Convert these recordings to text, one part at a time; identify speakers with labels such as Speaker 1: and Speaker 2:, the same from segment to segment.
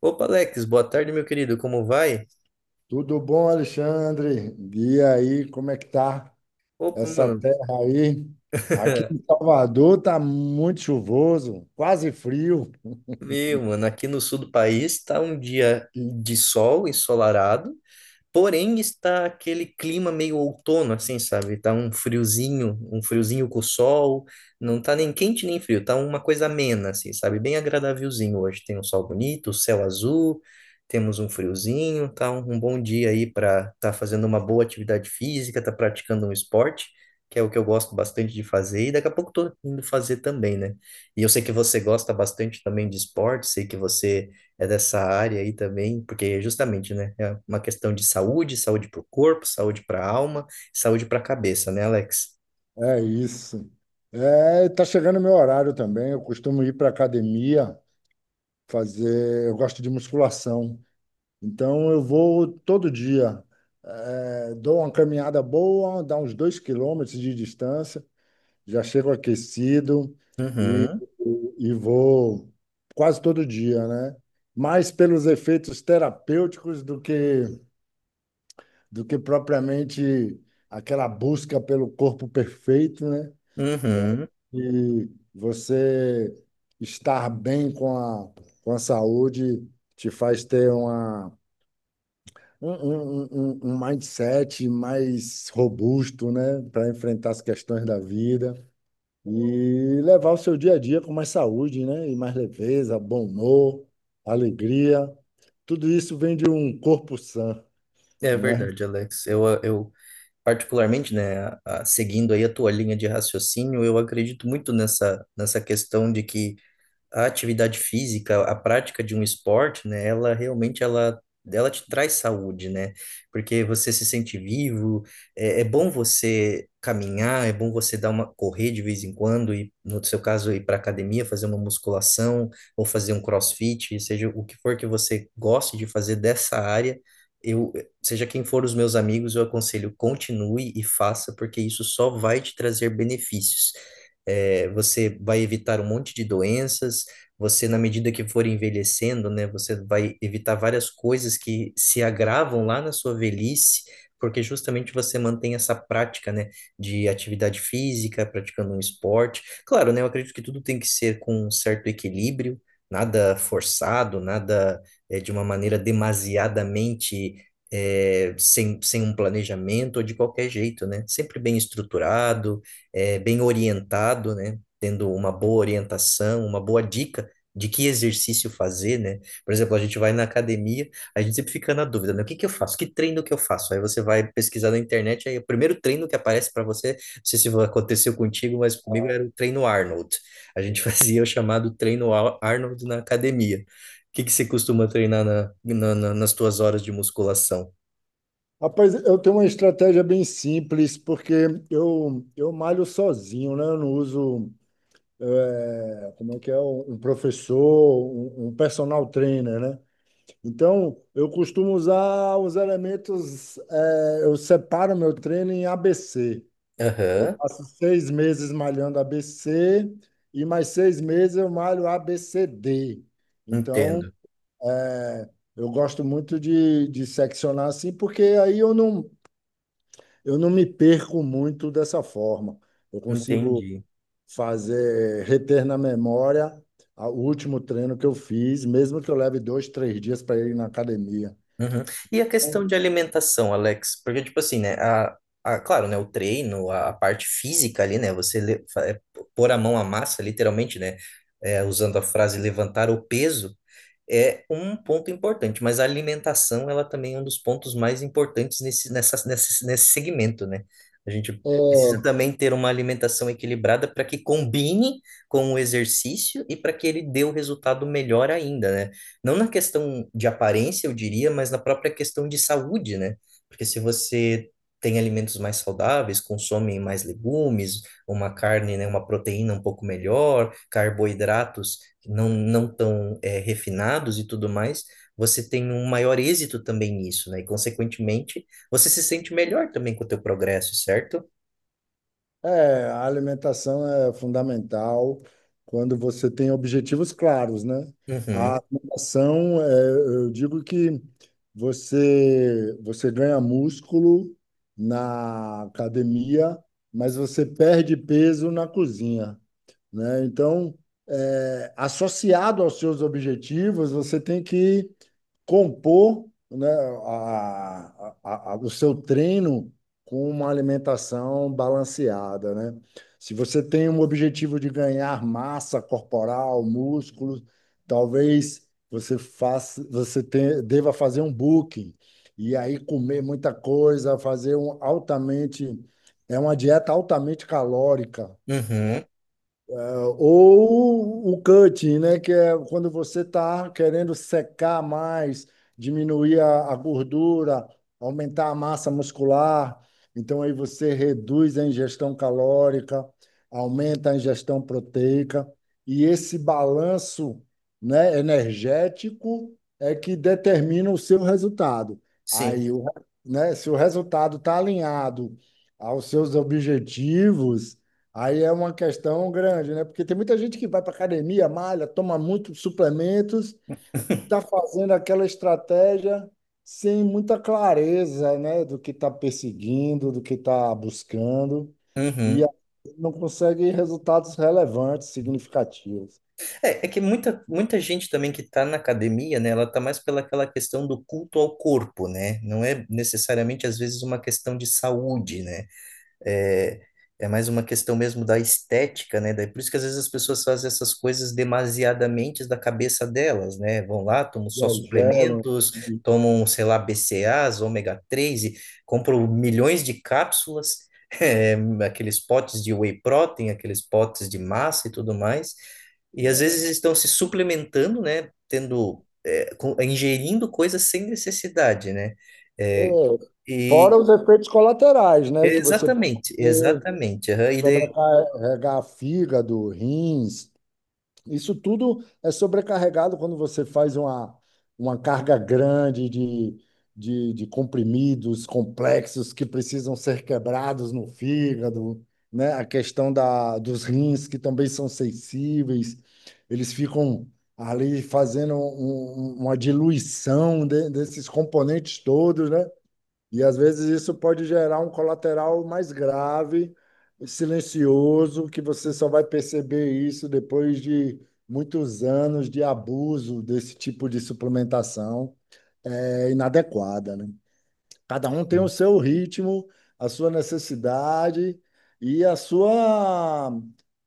Speaker 1: Opa, Alex, boa tarde, meu querido, como vai?
Speaker 2: Tudo bom, Alexandre? E aí, como é que tá
Speaker 1: Opa,
Speaker 2: essa
Speaker 1: mano,
Speaker 2: terra aí? Aqui em Salvador tá muito chuvoso, quase frio.
Speaker 1: meu, mano, aqui no sul do país tá um dia de sol ensolarado, porém, está aquele clima meio outono, assim, sabe? Tá um friozinho com sol, não tá nem quente nem frio, tá uma coisa amena, assim, sabe? Bem agradávelzinho hoje. Tem um sol bonito, o céu azul, temos um friozinho, tá um bom dia aí para tá fazendo uma boa atividade física, tá praticando um esporte, que é o que eu gosto bastante de fazer, e daqui a pouco tô indo fazer também, né? E eu sei que você gosta bastante também de esporte, sei que você é dessa área aí também, porque é justamente, né, é uma questão de saúde, saúde para o corpo, saúde para a alma, saúde para a cabeça, né, Alex?
Speaker 2: É isso. É, tá chegando meu horário também. Eu costumo ir para academia fazer. Eu gosto de musculação, então eu vou todo dia. É, dou uma caminhada boa, dá uns 2 quilômetros de distância. Já chego aquecido e,
Speaker 1: Uhum,
Speaker 2: e vou quase todo dia, né? Mais pelos efeitos terapêuticos do que propriamente aquela busca pelo corpo perfeito, né?
Speaker 1: uhum.
Speaker 2: E você estar bem com a saúde te faz ter uma, um, um, um um mindset mais robusto, né? Para enfrentar as questões da vida. E levar o seu dia a dia com mais saúde, né? E mais leveza, bom humor, alegria. Tudo isso vem de um corpo sã,
Speaker 1: É
Speaker 2: né?
Speaker 1: verdade, Alex. Eu particularmente, né, seguindo aí a tua linha de raciocínio, eu acredito muito nessa questão de que a atividade física, a prática de um esporte, né, ela realmente ela te traz saúde, né? Porque você se sente vivo, é bom você caminhar, é bom você dar uma correr de vez em quando e no seu caso ir para academia, fazer uma musculação ou fazer um CrossFit, seja o que for que você goste de fazer dessa área, eu, seja quem for os meus amigos, eu aconselho continue e faça, porque isso só vai te trazer benefícios. É, você vai evitar um monte de doenças, você, na medida que for envelhecendo, né, você vai evitar várias coisas que se agravam lá na sua velhice, porque justamente você mantém essa prática, né, de atividade física, praticando um esporte. Claro, né, eu acredito que tudo tem que ser com um certo equilíbrio, nada forçado, nada é, de uma maneira demasiadamente sem um planejamento ou de qualquer jeito, né? Sempre bem estruturado, bem orientado, né? Tendo uma boa orientação, uma boa dica de que exercício fazer, né? Por exemplo, a gente vai na academia, a gente sempre fica na dúvida, né? O que que eu faço? Que treino que eu faço? Aí você vai pesquisar na internet, aí o primeiro treino que aparece para você, não sei se aconteceu contigo, mas comigo era o treino Arnold. A gente fazia o chamado treino Arnold na academia. O que que você costuma treinar na, nas tuas horas de musculação?
Speaker 2: Rapaz, eu tenho uma estratégia bem simples, porque eu malho sozinho, né? Eu não uso, como é que é, um professor, um personal trainer, né? Então, eu costumo usar os elementos, eu separo meu treino em ABC. Eu
Speaker 1: Aham,
Speaker 2: passo 6 meses malhando ABC e mais 6 meses eu malho ABCD. Então,
Speaker 1: entendo.
Speaker 2: é, eu gosto muito de seccionar assim, porque aí eu não me perco muito dessa forma. Eu consigo
Speaker 1: Entendi.
Speaker 2: fazer, reter na memória o último treino que eu fiz, mesmo que eu leve dois, três dias para ir na academia.
Speaker 1: Uhum. E a questão de alimentação, Alex? Porque, tipo assim, né? A, claro, né? O treino, a parte física ali, né? Você le- fa- é, pôr a mão à massa, literalmente, né? Usando a frase levantar o peso, é um ponto importante, mas a alimentação, ela também é um dos pontos mais importantes nesse segmento, né? A gente precisa
Speaker 2: É,
Speaker 1: também ter uma alimentação equilibrada para que combine com o exercício e para que ele dê o resultado melhor ainda, né? Não na questão de aparência, eu diria, mas na própria questão de saúde, né? Porque se você tem alimentos mais saudáveis, consome mais legumes, uma carne, né, uma proteína um pouco melhor, carboidratos não tão refinados e tudo mais, você tem um maior êxito também nisso, né? E, consequentemente, você se sente melhor também com o teu progresso, certo?
Speaker 2: é, a alimentação é fundamental quando você tem objetivos claros, né? A
Speaker 1: Uhum,
Speaker 2: alimentação, eu digo que você ganha músculo na academia, mas você perde peso na cozinha, né? Então, associado aos seus objetivos, você tem que compor, né, o seu treino com uma alimentação balanceada, né? Se você tem um objetivo de ganhar massa corporal, músculos, talvez você faça, deva fazer um booking e aí comer muita coisa, é uma dieta altamente calórica, né?
Speaker 1: uhum,
Speaker 2: É, ou o cutting, né? Que é quando você está querendo secar mais, diminuir a gordura, aumentar a massa muscular. Então, aí você reduz a ingestão calórica, aumenta a ingestão proteica. E esse balanço, né, energético é que determina o seu resultado.
Speaker 1: sim.
Speaker 2: Aí, se o resultado está alinhado aos seus objetivos. Aí é uma questão grande, né? Porque tem muita gente que vai para academia, malha, toma muitos suplementos e está fazendo aquela estratégia sem muita clareza, né? Do que está perseguindo, do que está buscando e
Speaker 1: Uhum.
Speaker 2: não consegue resultados relevantes, significativos.
Speaker 1: É, é que muita gente também que está na academia, né, ela está mais pela aquela questão do culto ao corpo, né? Não é necessariamente, às vezes, uma questão de saúde, né? É, é mais uma questão mesmo da estética, né? Daí por isso que às vezes as pessoas fazem essas coisas demasiadamente da cabeça delas, né? Vão lá, tomam só
Speaker 2: Exageram.
Speaker 1: suplementos,
Speaker 2: E,
Speaker 1: tomam, sei lá, BCAAs, ômega 3 e compram milhões de cápsulas, eh, aqueles potes de whey protein, aqueles potes de massa e tudo mais. E às vezes estão se suplementando, né? Tendo, ingerindo coisas sem necessidade, né? Eh,
Speaker 2: é,
Speaker 1: e
Speaker 2: fora os efeitos colaterais, né? Que você
Speaker 1: exatamente,
Speaker 2: pode
Speaker 1: exatamente. Aham, e daí,
Speaker 2: sobrecarregar fígado, rins. Isso tudo é sobrecarregado quando você faz uma carga grande de comprimidos complexos que precisam ser quebrados no fígado, né? A questão dos rins, que também são sensíveis, eles ficam ali fazendo uma diluição desses componentes todos, né? E às vezes isso pode gerar um colateral mais grave, silencioso, que você só vai perceber isso depois de muitos anos de abuso desse tipo de suplementação inadequada, né? Cada um tem o seu ritmo, a sua necessidade e a sua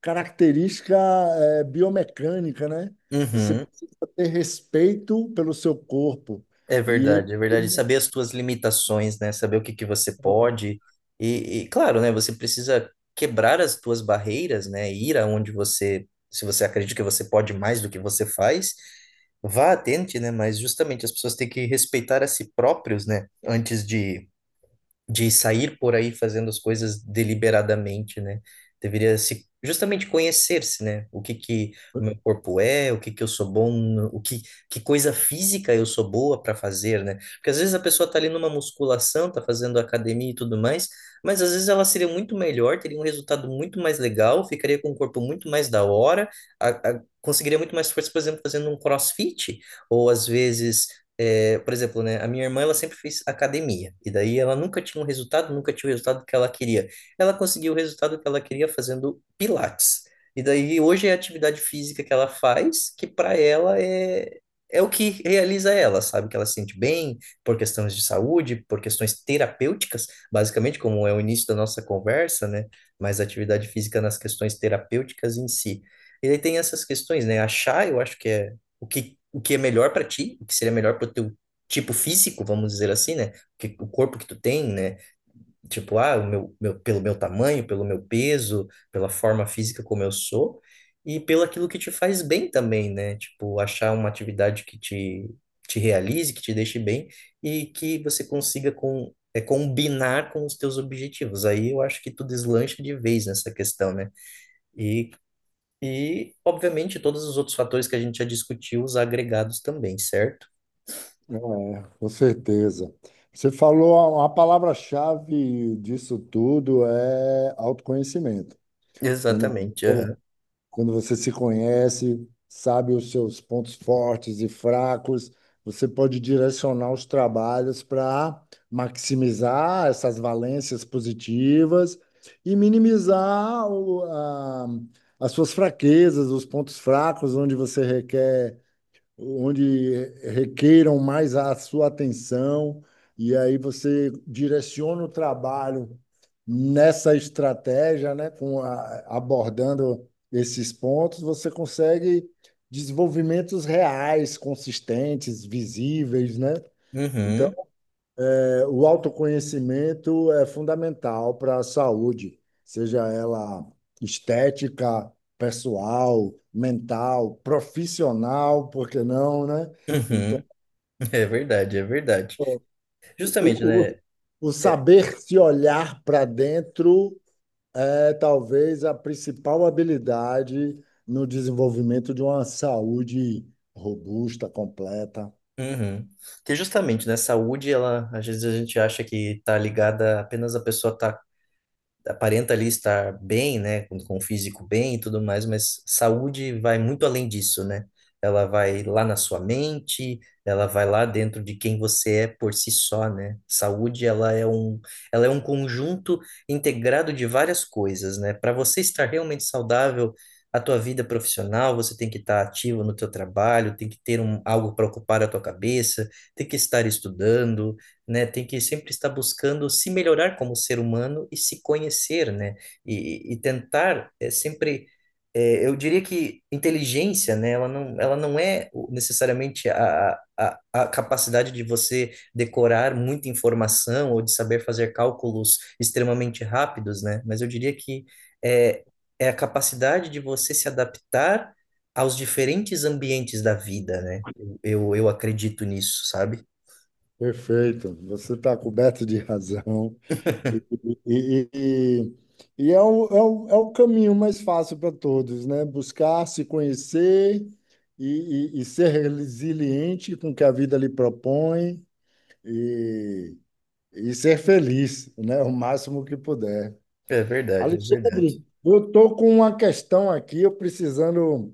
Speaker 2: característica biomecânica, né? Você
Speaker 1: uhum,
Speaker 2: precisa ter respeito pelo seu corpo
Speaker 1: é
Speaker 2: e
Speaker 1: verdade,
Speaker 2: ele.
Speaker 1: é verdade. Saber as tuas limitações, né? Saber o que que você pode. E, claro, né? Você precisa quebrar as tuas barreiras, né? Ir aonde você, se você acredita que você pode mais do que você faz, vá, tente, né? Mas justamente as pessoas têm que respeitar a si próprios, né? Antes De sair por aí fazendo as coisas deliberadamente, né? Deveria se justamente conhecer-se, né? O que que o meu corpo é, o que que eu sou bom, o que que coisa física eu sou boa para fazer, né? Porque às vezes a pessoa tá ali numa musculação, tá fazendo academia e tudo mais, mas às vezes ela seria muito melhor, teria um resultado muito mais legal, ficaria com um corpo muito mais da hora, conseguiria muito mais força, por exemplo, fazendo um CrossFit, ou às vezes por exemplo, né, a minha irmã ela sempre fez academia e daí ela nunca tinha um resultado, nunca tinha o resultado que ela queria. Ela conseguiu o resultado que ela queria fazendo pilates. E daí hoje é a atividade física que ela faz, que para ela é o que realiza ela, sabe? Que ela se sente bem por questões de saúde, por questões terapêuticas, basicamente, como é o início da nossa conversa, né? Mas a atividade física nas questões terapêuticas em si. E aí tem essas questões, né? Achar, eu acho que é o que é melhor para ti, o que seria melhor para o teu tipo físico, vamos dizer assim, né? Que, o corpo que tu tem, né? Tipo, ah, pelo meu tamanho, pelo meu peso, pela forma física como eu sou, e pelo aquilo que te faz bem também, né? Tipo, achar uma atividade te realize, que te deixe bem e que você consiga combinar com os teus objetivos. Aí eu acho que tu deslancha de vez nessa questão, né? E e, obviamente, todos os outros fatores que a gente já discutiu, os agregados também, certo?
Speaker 2: Com certeza. Você falou, a palavra-chave disso tudo é autoconhecimento. Quando,
Speaker 1: Exatamente. Aham.
Speaker 2: quando você se conhece, sabe os seus pontos fortes e fracos, você pode direcionar os trabalhos para maximizar essas valências positivas e minimizar as suas fraquezas, os pontos fracos onde você requer onde requeiram mais a sua atenção, e aí você direciona o trabalho nessa estratégia, né, abordando esses pontos, você consegue desenvolvimentos reais, consistentes, visíveis, né?
Speaker 1: Uhum,
Speaker 2: Então,
Speaker 1: uhum.
Speaker 2: o autoconhecimento é fundamental para a saúde, seja ela estética, pessoal, mental, profissional, por que não, né? Então,
Speaker 1: É verdade, é verdade. Justamente,
Speaker 2: o, o,
Speaker 1: né?
Speaker 2: o
Speaker 1: é-
Speaker 2: saber se olhar para dentro é talvez a principal habilidade no desenvolvimento de uma saúde robusta, completa.
Speaker 1: uhum. Que justamente, né? Saúde, ela, às vezes a gente acha que tá ligada apenas a pessoa tá aparenta ali estar bem, né, com o físico bem e tudo mais, mas saúde vai muito além disso, né? Ela vai lá na sua mente, ela vai lá dentro de quem você é por si só, né? Saúde, ela é um conjunto integrado de várias coisas, né? Para você estar realmente saudável, a tua vida profissional, você tem que estar ativo no teu trabalho, tem que ter um, algo para ocupar a tua cabeça, tem que estar estudando, né? Tem que sempre estar buscando se melhorar como ser humano e se conhecer, né? E tentar eu diria que inteligência, né? Ela não é necessariamente a capacidade de você decorar muita informação ou de saber fazer cálculos extremamente rápidos, né? Mas eu diria que é, é a capacidade de você se adaptar aos diferentes ambientes da vida, né? Eu acredito nisso, sabe?
Speaker 2: Perfeito, você está coberto de razão. E, e- e- e é o, é o, é o caminho mais fácil para todos, né? Buscar se conhecer e ser resiliente com o que a vida lhe propõe e, e ser feliz, né? O máximo que puder.
Speaker 1: É verdade, é verdade.
Speaker 2: Alexandre, eu estou com uma questão aqui,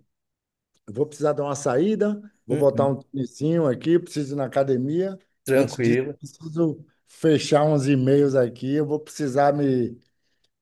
Speaker 2: eu vou precisar dar uma saída, vou botar
Speaker 1: Uhum,
Speaker 2: um tênisinho aqui, preciso ir na academia. Antes disso,
Speaker 1: tranquilo.
Speaker 2: preciso fechar uns e-mails aqui, eu vou precisar me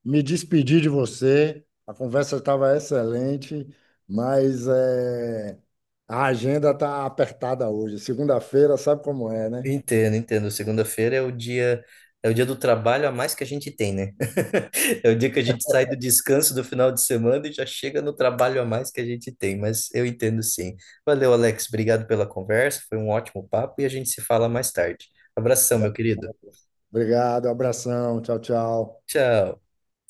Speaker 2: me despedi de você. A conversa estava excelente, mas a agenda está apertada hoje. Segunda-feira, sabe como é, né?
Speaker 1: Entendo, entendo. Segunda-feira é o dia do trabalho a mais que a gente tem, né? É o dia que a gente sai do descanso do final de semana e já chega no trabalho a mais que a gente tem, mas eu entendo sim. Valeu, Alex. Obrigado pela conversa. Foi um ótimo papo e a gente se fala mais tarde. Abração,
Speaker 2: Va-
Speaker 1: meu querido.
Speaker 2: Obrigado, abração, tchau, tchau.
Speaker 1: Tchau.